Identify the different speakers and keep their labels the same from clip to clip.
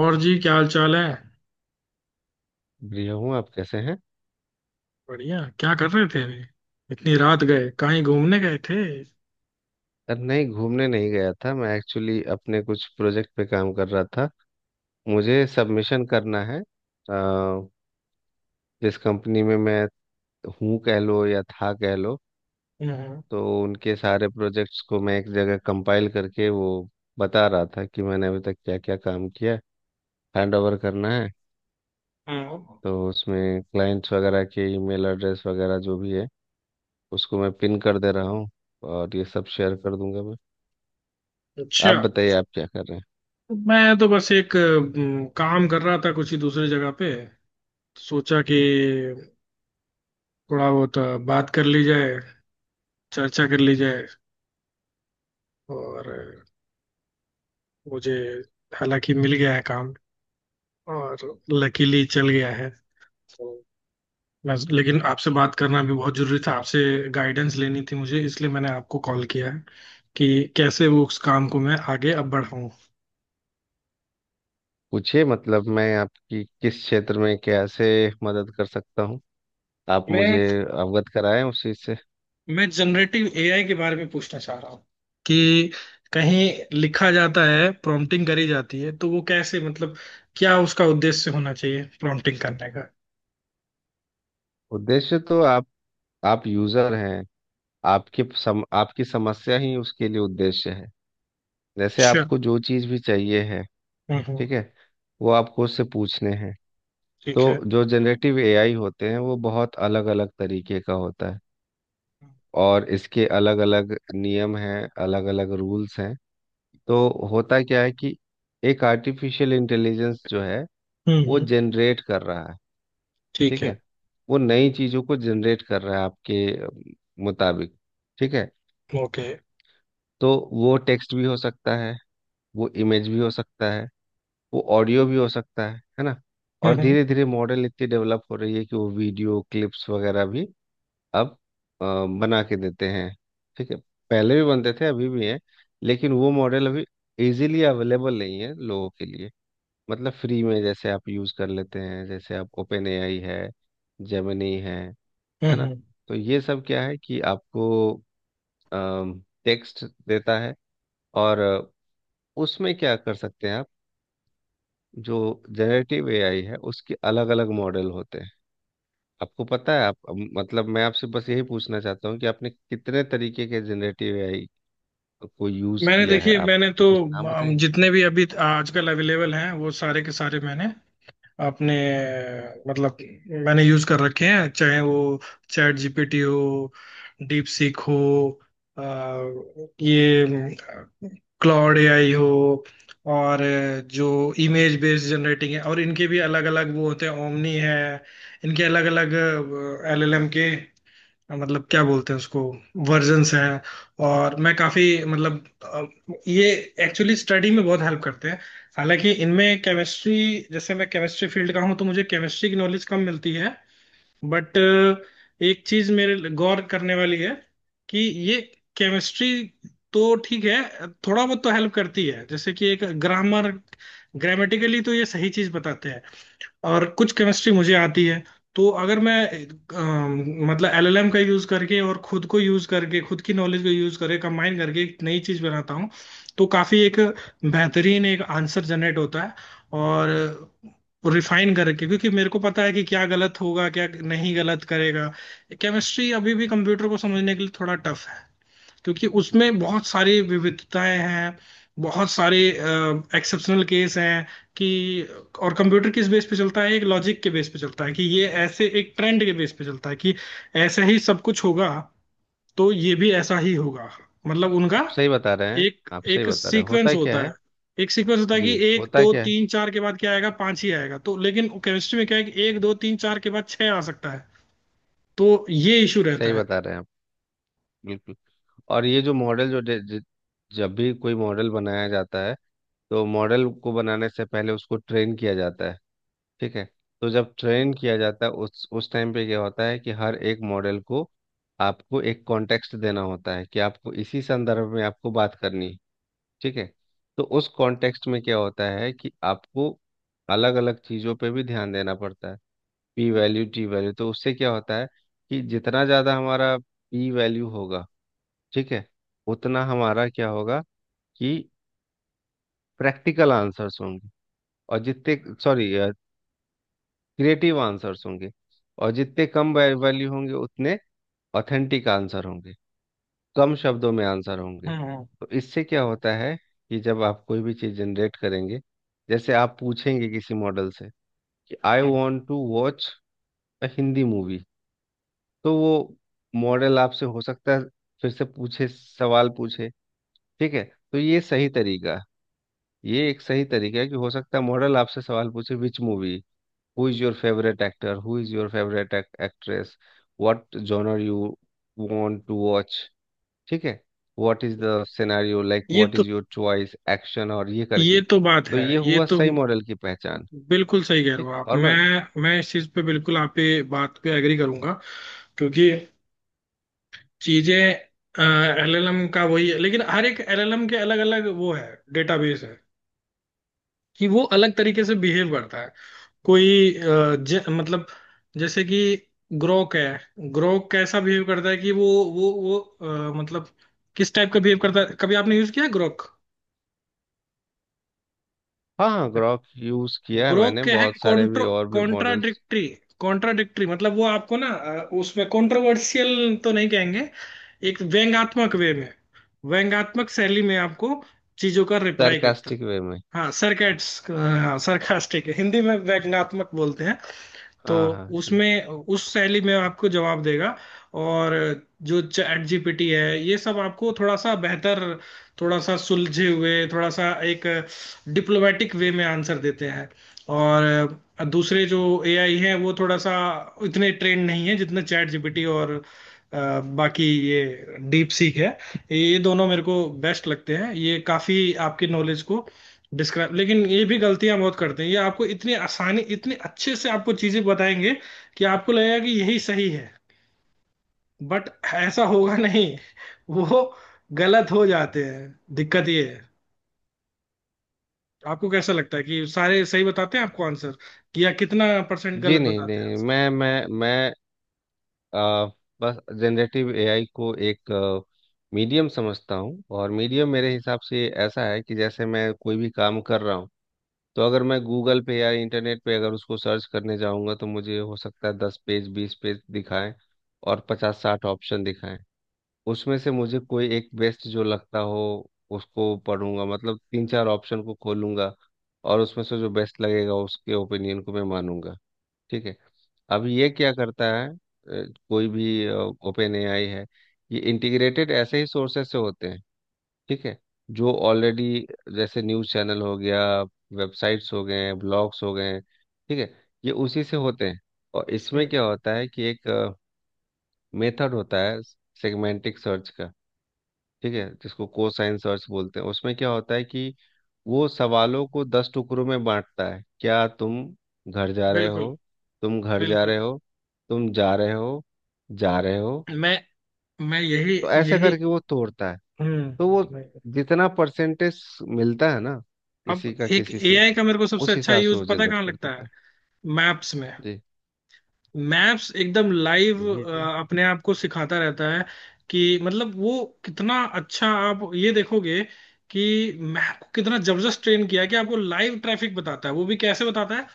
Speaker 1: और जी क्या हाल चाल है।
Speaker 2: बढ़िया हूँ। आप कैसे हैं?
Speaker 1: बढ़िया क्या कर रहे थे अभी। इतनी रात गए कहीं घूमने गए थे।
Speaker 2: अरे नहीं, घूमने नहीं गया था। मैं एक्चुअली अपने कुछ प्रोजेक्ट पे काम कर रहा था। मुझे सबमिशन करना है। अ, जिस कंपनी में मैं हूँ, कह लो, या था कह लो।
Speaker 1: हाँ।
Speaker 2: तो उनके सारे प्रोजेक्ट्स को मैं एक जगह कंपाइल करके वो बता रहा था कि मैंने अभी तक क्या क्या काम किया। हैंड ओवर करना है।
Speaker 1: हाँ।
Speaker 2: तो उसमें क्लाइंट्स वगैरह के ईमेल एड्रेस वगैरह जो भी है, उसको मैं पिन कर दे रहा हूँ, और ये सब शेयर कर दूंगा मैं।
Speaker 1: अच्छा।
Speaker 2: आप बताइए, आप क्या कर रहे हैं?
Speaker 1: मैं तो बस एक काम कर रहा था कुछ ही दूसरी जगह पे। सोचा कि थोड़ा बहुत बात कर ली जाए। चर्चा कर ली जाए। और अ, मुझे हालांकि मिल गया है काम और लकीली चल गया है। तो बस लेकिन आपसे बात करना भी बहुत जरूरी था। आपसे गाइडेंस लेनी थी मुझे, इसलिए मैंने आपको कॉल किया है कि कैसे वो उस काम को मैं आगे अब बढ़ाऊं।
Speaker 2: पूछिए, मतलब मैं आपकी किस क्षेत्र में कैसे मदद कर सकता हूँ। आप
Speaker 1: मैं
Speaker 2: मुझे अवगत कराएं उस चीज से।
Speaker 1: मैं जनरेटिव एआई के बारे में पूछना चाह रहा हूँ कि कहीं लिखा जाता है, प्रॉम्प्टिंग करी जाती है, तो वो कैसे, मतलब क्या उसका उद्देश्य होना चाहिए प्रॉम्प्टिंग करने का।
Speaker 2: उद्देश्य तो आप यूजर हैं। आपकी समस्या ही उसके लिए उद्देश्य है। जैसे
Speaker 1: अच्छा।
Speaker 2: आपको जो चीज भी चाहिए है,
Speaker 1: हम्म।
Speaker 2: ठीक है, वो आपको उससे पूछने हैं।
Speaker 1: ठीक
Speaker 2: तो
Speaker 1: है।
Speaker 2: जो जनरेटिव एआई होते हैं वो बहुत अलग अलग तरीके का होता है, और इसके अलग अलग नियम हैं, अलग अलग रूल्स हैं। तो होता क्या है कि एक आर्टिफिशियल इंटेलिजेंस जो है, वो
Speaker 1: हम्म।
Speaker 2: जनरेट कर रहा है।
Speaker 1: ठीक
Speaker 2: ठीक
Speaker 1: है।
Speaker 2: है, वो नई चीजों को जनरेट कर रहा है आपके अम, मुताबिक। ठीक है,
Speaker 1: ओके।
Speaker 2: तो वो टेक्स्ट भी हो सकता है, वो इमेज भी हो सकता है, वो ऑडियो भी हो सकता है ना। और धीरे
Speaker 1: हम्म।
Speaker 2: धीरे मॉडल इतनी डेवलप हो रही है कि वो वीडियो क्लिप्स वगैरह भी अब अ, बना के देते हैं। ठीक है, पहले भी बनते थे अभी भी हैं, लेकिन वो मॉडल अभी इजीली अवेलेबल नहीं है लोगों के लिए। मतलब फ्री में जैसे आप यूज़ कर लेते हैं, जैसे आप ओपन एआई है, जेमिनी है
Speaker 1: हम्म
Speaker 2: ना।
Speaker 1: हम्म।
Speaker 2: तो ये सब क्या है कि आपको टेक्स्ट देता है, और उसमें क्या कर सकते हैं आप। जो जनरेटिव एआई है, उसके अलग अलग मॉडल होते हैं। आपको पता है आप, मतलब मैं आपसे बस यही पूछना चाहता हूँ कि आपने कितने तरीके के जनरेटिव एआई को यूज़
Speaker 1: मैंने
Speaker 2: किया है।
Speaker 1: देखिए,
Speaker 2: आप
Speaker 1: मैंने तो
Speaker 2: कुछ नाम बताएंगे?
Speaker 1: जितने भी अभी आजकल अवेलेबल हैं वो सारे के सारे मैंने अपने, मतलब मैंने यूज कर रखे हैं। चाहे वो चैट जीपीटी हो, डीप सीक हो, अ, ये क्लाउड एआई हो, और जो इमेज बेस्ड जनरेटिंग है, और इनके भी अलग अलग वो होते हैं, ओमनी है। इनके अलग अलग एलएलएम के, मतलब क्या बोलते हैं उसको, वर्जन्स हैं। और मैं काफी, मतलब ये एक्चुअली स्टडी में बहुत हेल्प करते हैं। हालांकि इनमें केमिस्ट्री, जैसे मैं केमिस्ट्री फील्ड का हूँ, तो मुझे केमिस्ट्री की नॉलेज कम मिलती है। बट एक चीज मेरे लिए गौर करने वाली है कि ये केमिस्ट्री तो ठीक है, थोड़ा बहुत तो हेल्प करती है, जैसे कि एक ग्रामर, ग्रामेटिकली तो ये सही चीज बताते हैं। और कुछ केमिस्ट्री मुझे आती है, तो अगर मैं मतलब एलएलएम का यूज करके, और खुद को यूज करके, खुद की नॉलेज को यूज करके, कंबाइन करके एक नई चीज बनाता हूँ, तो काफी एक बेहतरीन एक आंसर जनरेट होता है, और रिफाइन करके, क्योंकि मेरे को पता है कि क्या गलत होगा, क्या नहीं गलत करेगा। केमिस्ट्री अभी भी कंप्यूटर को समझने के लिए थोड़ा टफ है, क्योंकि उसमें बहुत सारी विविधताएं हैं, बहुत सारे एक्सेप्शनल केस हैं कि, और कंप्यूटर किस बेस पे चलता है, एक लॉजिक के बेस पे चलता है, कि ये ऐसे एक ट्रेंड के बेस पे चलता है कि ऐसा ही सब कुछ होगा, तो ये भी ऐसा ही होगा। मतलब उनका
Speaker 2: सही बता रहे हैं
Speaker 1: एक
Speaker 2: आप। सही
Speaker 1: एक
Speaker 2: बता रहे हैं,
Speaker 1: सीक्वेंस
Speaker 2: होता क्या
Speaker 1: होता
Speaker 2: है,
Speaker 1: है। एक सीक्वेंस होता है कि
Speaker 2: जी,
Speaker 1: एक
Speaker 2: होता
Speaker 1: दो
Speaker 2: क्या है,
Speaker 1: तीन चार के बाद क्या आएगा, पांच ही आएगा तो, लेकिन केमिस्ट्री में क्या है कि एक दो तीन चार के बाद छह आ सकता है। तो ये इशू रहता
Speaker 2: सही
Speaker 1: है।
Speaker 2: बता रहे हैं आप, बिल्कुल। और ये जो मॉडल जब भी कोई मॉडल बनाया जाता है, तो मॉडल को बनाने से पहले उसको ट्रेन किया जाता है। ठीक है, तो जब ट्रेन किया जाता है, उस टाइम पे क्या होता है कि हर एक मॉडल को आपको एक कॉन्टेक्स्ट देना होता है कि आपको इसी संदर्भ में आपको बात करनी है। ठीक है, तो उस कॉन्टेक्स्ट में क्या होता है कि आपको अलग अलग चीज़ों पे भी ध्यान देना पड़ता है। पी वैल्यू, टी वैल्यू, तो उससे क्या होता है कि जितना ज़्यादा हमारा पी वैल्यू होगा, ठीक है, उतना हमारा क्या होगा, कि प्रैक्टिकल आंसर्स होंगे, और जितने, सॉरी, क्रिएटिव आंसर्स होंगे। और जितने कम वैल्यू होंगे, उतने ऑथेंटिक आंसर होंगे, कम शब्दों में आंसर होंगे।
Speaker 1: हम्म।
Speaker 2: तो इससे क्या होता है कि जब आप कोई भी चीज़ जनरेट करेंगे, जैसे आप पूछेंगे किसी मॉडल से कि "I
Speaker 1: hmm.
Speaker 2: Want to watch a Hindi movie", तो वो मॉडल आपसे हो सकता है फिर से पूछे, सवाल पूछे। ठीक है, तो ये सही तरीका है। ये एक सही तरीका है कि हो सकता है मॉडल आपसे सवाल पूछे, "which movie? Who is your favourite actor? Who is your favourite actress? What genre you want to watch?" ठीक है, "what is the scenario like?
Speaker 1: ये
Speaker 2: व्हाट
Speaker 1: तो,
Speaker 2: इज योर चॉइस? एक्शन?" और ये
Speaker 1: ये
Speaker 2: करके,
Speaker 1: तो बात
Speaker 2: तो
Speaker 1: है।
Speaker 2: ये
Speaker 1: ये
Speaker 2: हुआ
Speaker 1: तो
Speaker 2: सही मॉडल की पहचान।
Speaker 1: बिल्कुल सही कह रहे
Speaker 2: ठीक,
Speaker 1: हो आप,
Speaker 2: और मैं,
Speaker 1: मैं इस चीज पे बिल्कुल आप पे, बात पे एग्री करूंगा। क्योंकि चीजें एलएलएम का वही है, लेकिन हर एक एलएलएम के अलग अलग वो है, डेटाबेस है कि वो अलग तरीके से बिहेव करता है। कोई मतलब जैसे कि ग्रोक है। ग्रोक कैसा बिहेव करता है, कि वो वो मतलब किस टाइप का बिहेव करता है, कभी आपने यूज किया है ग्रोक।
Speaker 2: हाँ हाँ, ग्ok यूज किया है,
Speaker 1: ग्रो
Speaker 2: मैंने
Speaker 1: क्या है,
Speaker 2: बहुत सारे भी
Speaker 1: कॉन्ट्रो,
Speaker 2: और भी मॉडल्स।
Speaker 1: कॉन्ट्राडिक्टरी। कॉन्ट्राडिक्टरी मतलब वो आपको ना उसमें कॉन्ट्रोवर्शियल तो नहीं कहेंगे, एक व्यंग्यात्मक वे में, व्यंग्यात्मक शैली में आपको चीजों का रिप्लाई करता है।
Speaker 2: सरकास्टिक वे में।
Speaker 1: हाँ सरकास्ट, हाँ सरकास्टिक, हिंदी में व्यंग्यात्मक बोलते हैं। तो
Speaker 2: हाँ हाँ जी।
Speaker 1: उसमें उस शैली में आपको जवाब देगा। और जो चैट जीपीटी है, ये सब आपको थोड़ा सा बेहतर, थोड़ा सा सुलझे हुए, थोड़ा सा एक डिप्लोमेटिक वे में आंसर देते हैं। और दूसरे जो एआई हैं वो थोड़ा सा इतने ट्रेंड नहीं है जितने चैट जीपीटी और बाकी ये डीप सीक है। ये दोनों मेरे को बेस्ट लगते हैं। ये काफी आपकी नॉलेज को डिस्क्राइब, लेकिन ये भी गलतियां बहुत करते हैं। ये आपको इतनी आसानी, इतने अच्छे से आपको चीजें बताएंगे कि आपको लगेगा कि यही सही है, बट ऐसा होगा नहीं। वो गलत हो जाते हैं। दिक्कत ये है। आपको कैसा लगता है कि सारे सही बताते हैं आपको आंसर, कि या कितना परसेंट
Speaker 2: जी
Speaker 1: गलत
Speaker 2: नहीं
Speaker 1: बताते हैं
Speaker 2: नहीं,
Speaker 1: आंसर।
Speaker 2: मैं आ, बस जनरेटिव एआई को एक मीडियम समझता हूँ। और मीडियम मेरे हिसाब से ऐसा है कि जैसे मैं कोई भी काम कर रहा हूँ, तो अगर मैं गूगल पे या इंटरनेट पे अगर उसको सर्च करने जाऊँगा, तो मुझे हो सकता है 10 पेज 20 पेज दिखाएं, और 50-60 ऑप्शन दिखाएं। उसमें से मुझे कोई एक बेस्ट जो लगता हो, उसको पढ़ूंगा, मतलब तीन चार ऑप्शन को खोलूंगा। और उसमें से जो बेस्ट लगेगा, उसके ओपिनियन को मैं मानूंगा। ठीक है, अब ये क्या करता है, कोई भी ओपन एआई है, ये इंटीग्रेटेड ऐसे ही सोर्सेस से होते हैं। ठीक है, जो ऑलरेडी, जैसे न्यूज़ चैनल हो गया, वेबसाइट्स हो गए, ब्लॉग्स हो गए, ठीक है, ये उसी से होते हैं। और इसमें
Speaker 1: हम्म।
Speaker 2: क्या होता है कि एक मेथड होता है, सेगमेंटिक सर्च का। ठीक है, जिसको कोसाइन सर्च बोलते हैं। उसमें क्या होता है कि वो सवालों को 10 टुकड़ों में बांटता है। "क्या तुम घर जा रहे
Speaker 1: बिल्कुल।
Speaker 2: हो", "तुम घर जा
Speaker 1: बिल्कुल।
Speaker 2: रहे हो", "तुम जा रहे हो", "जा रहे हो"।
Speaker 1: मैं मैं यही,
Speaker 2: तो ऐसे
Speaker 1: यही।
Speaker 2: करके वो तोड़ता है।
Speaker 1: हम्म।
Speaker 2: तो वो जितना परसेंटेज मिलता है ना
Speaker 1: अब
Speaker 2: किसी का
Speaker 1: एक
Speaker 2: किसी से,
Speaker 1: एआई का मेरे को सबसे
Speaker 2: उस
Speaker 1: अच्छा
Speaker 2: हिसाब से
Speaker 1: यूज
Speaker 2: वो
Speaker 1: पता है
Speaker 2: जनरेट
Speaker 1: कहाँ
Speaker 2: कर
Speaker 1: लगता
Speaker 2: देता
Speaker 1: है,
Speaker 2: है।
Speaker 1: मैप्स में।
Speaker 2: जी,
Speaker 1: मैप्स एकदम लाइव
Speaker 2: यही है।
Speaker 1: अपने आप को सिखाता रहता है। कि मतलब वो कितना अच्छा, आप ये देखोगे कि मैप को कितना जबरदस्त ट्रेन किया है कि आपको लाइव ट्रैफिक बताता है। वो भी कैसे बताता है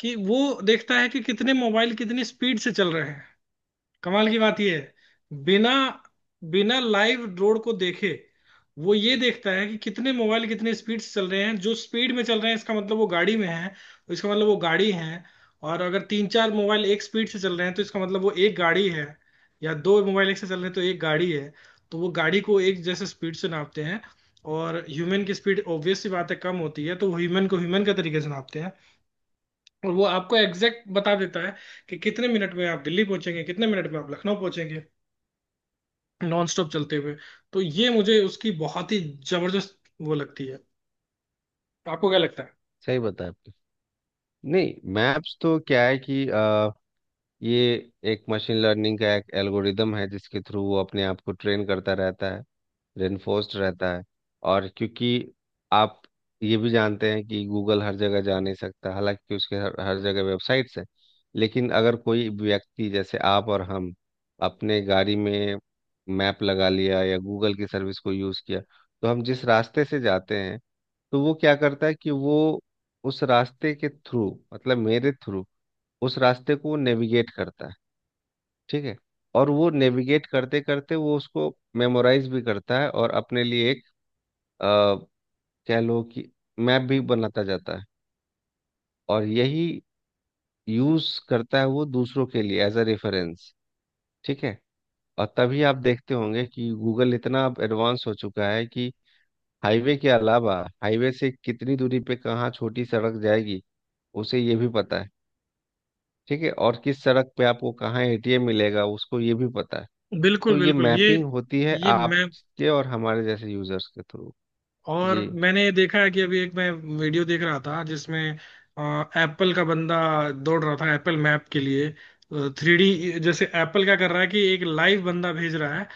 Speaker 1: कि वो देखता है कि कितने मोबाइल कितनी स्पीड से चल रहे हैं। कमाल की बात यह है, बिना बिना लाइव रोड को देखे वो ये देखता है कि कितने मोबाइल कितने स्पीड से चल रहे हैं। जो स्पीड में चल रहे हैं इसका मतलब वो गाड़ी में है, इसका मतलब वो गाड़ी है। और अगर तीन चार मोबाइल एक स्पीड से चल रहे हैं तो इसका मतलब वो एक गाड़ी है, या दो मोबाइल एक से चल रहे हैं तो एक गाड़ी है। तो वो गाड़ी को एक जैसे स्पीड से नापते हैं। और ह्यूमन की स्पीड ऑब्वियस सी बात है कम होती है, तो ह्यूमन को ह्यूमन का तरीके से नापते हैं। और वो आपको एग्जैक्ट बता देता है कि कितने मिनट में आप दिल्ली पहुंचेंगे, कितने मिनट में आप लखनऊ पहुंचेंगे, नॉन स्टॉप चलते हुए। तो ये मुझे उसकी बहुत ही जबरदस्त वो लगती है। आपको क्या लगता है।
Speaker 2: सही बताया आपने। नहीं, मैप्स तो क्या है कि ये एक मशीन लर्निंग का एक एल्गोरिदम है, जिसके थ्रू वो अपने आप को ट्रेन करता रहता है, रेनफोर्स्ड रहता है। और क्योंकि आप ये भी जानते हैं कि गूगल हर जगह जा नहीं सकता, हालांकि उसके हर जगह वेबसाइट्स हैं, लेकिन अगर कोई व्यक्ति जैसे आप और हम अपने गाड़ी में मैप लगा लिया या गूगल की सर्विस को यूज़ किया, तो हम जिस रास्ते से जाते हैं, तो वो क्या करता है कि वो उस रास्ते के थ्रू, मतलब मेरे थ्रू उस रास्ते को नेविगेट करता है। ठीक है, और वो नेविगेट करते करते, वो उसको मेमोराइज भी करता है और अपने लिए एक अ, कह लो कि मैप भी बनाता जाता है। और यही यूज करता है वो दूसरों के लिए एज अ रेफरेंस। ठीक है, और तभी आप देखते होंगे कि गूगल इतना अब एडवांस हो चुका है कि हाईवे के अलावा, हाईवे से कितनी दूरी पे कहाँ छोटी सड़क जाएगी, उसे ये भी पता है। ठीक है, और किस सड़क पे आपको कहाँ एटीएम मिलेगा, उसको ये भी पता है।
Speaker 1: बिल्कुल।
Speaker 2: तो ये
Speaker 1: बिल्कुल। ये
Speaker 2: मैपिंग होती है
Speaker 1: ये मैं,
Speaker 2: आपके और हमारे जैसे यूजर्स के थ्रू।
Speaker 1: और
Speaker 2: जी,
Speaker 1: मैंने देखा है कि अभी एक मैं वीडियो देख रहा था जिसमें एप्पल का बंदा दौड़ रहा था एप्पल मैप के लिए। थ्री डी, जैसे एप्पल क्या कर रहा है कि एक लाइव बंदा भेज रहा है,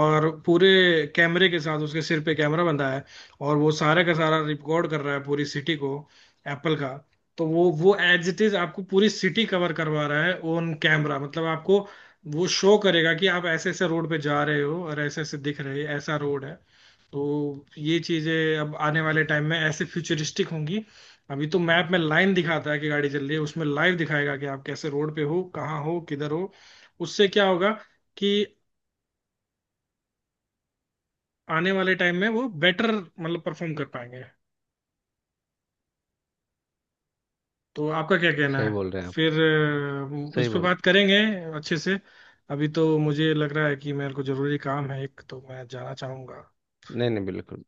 Speaker 1: और पूरे कैमरे के साथ, उसके सिर पे कैमरा बंधा है, और वो सारा का सारा रिकॉर्ड कर रहा है पूरी सिटी को, एप्पल का। तो वो एज इट इज आपको पूरी सिटी कवर करवा रहा है ऑन कैमरा, मतलब आपको वो शो करेगा कि आप ऐसे ऐसे रोड पे जा रहे हो और ऐसे ऐसे दिख रहे, ऐसा रोड है। तो ये चीजें अब आने वाले टाइम में ऐसे फ्यूचरिस्टिक होंगी। अभी तो मैप में लाइन दिखाता है कि गाड़ी चल रही है, उसमें लाइव दिखाएगा कि आप कैसे रोड पे हो, कहाँ हो, किधर हो। उससे क्या होगा कि आने वाले टाइम में वो बेटर मतलब परफॉर्म कर पाएंगे। तो आपका क्या कहना
Speaker 2: सही
Speaker 1: है।
Speaker 2: बोल रहे हैं आप।
Speaker 1: फिर इस
Speaker 2: सही
Speaker 1: पे
Speaker 2: बोल,
Speaker 1: बात करेंगे अच्छे से। अभी तो मुझे लग रहा है कि मेरे को जरूरी काम है एक, तो मैं जाना चाहूंगा।
Speaker 2: नहीं नहीं, बिल्कुल।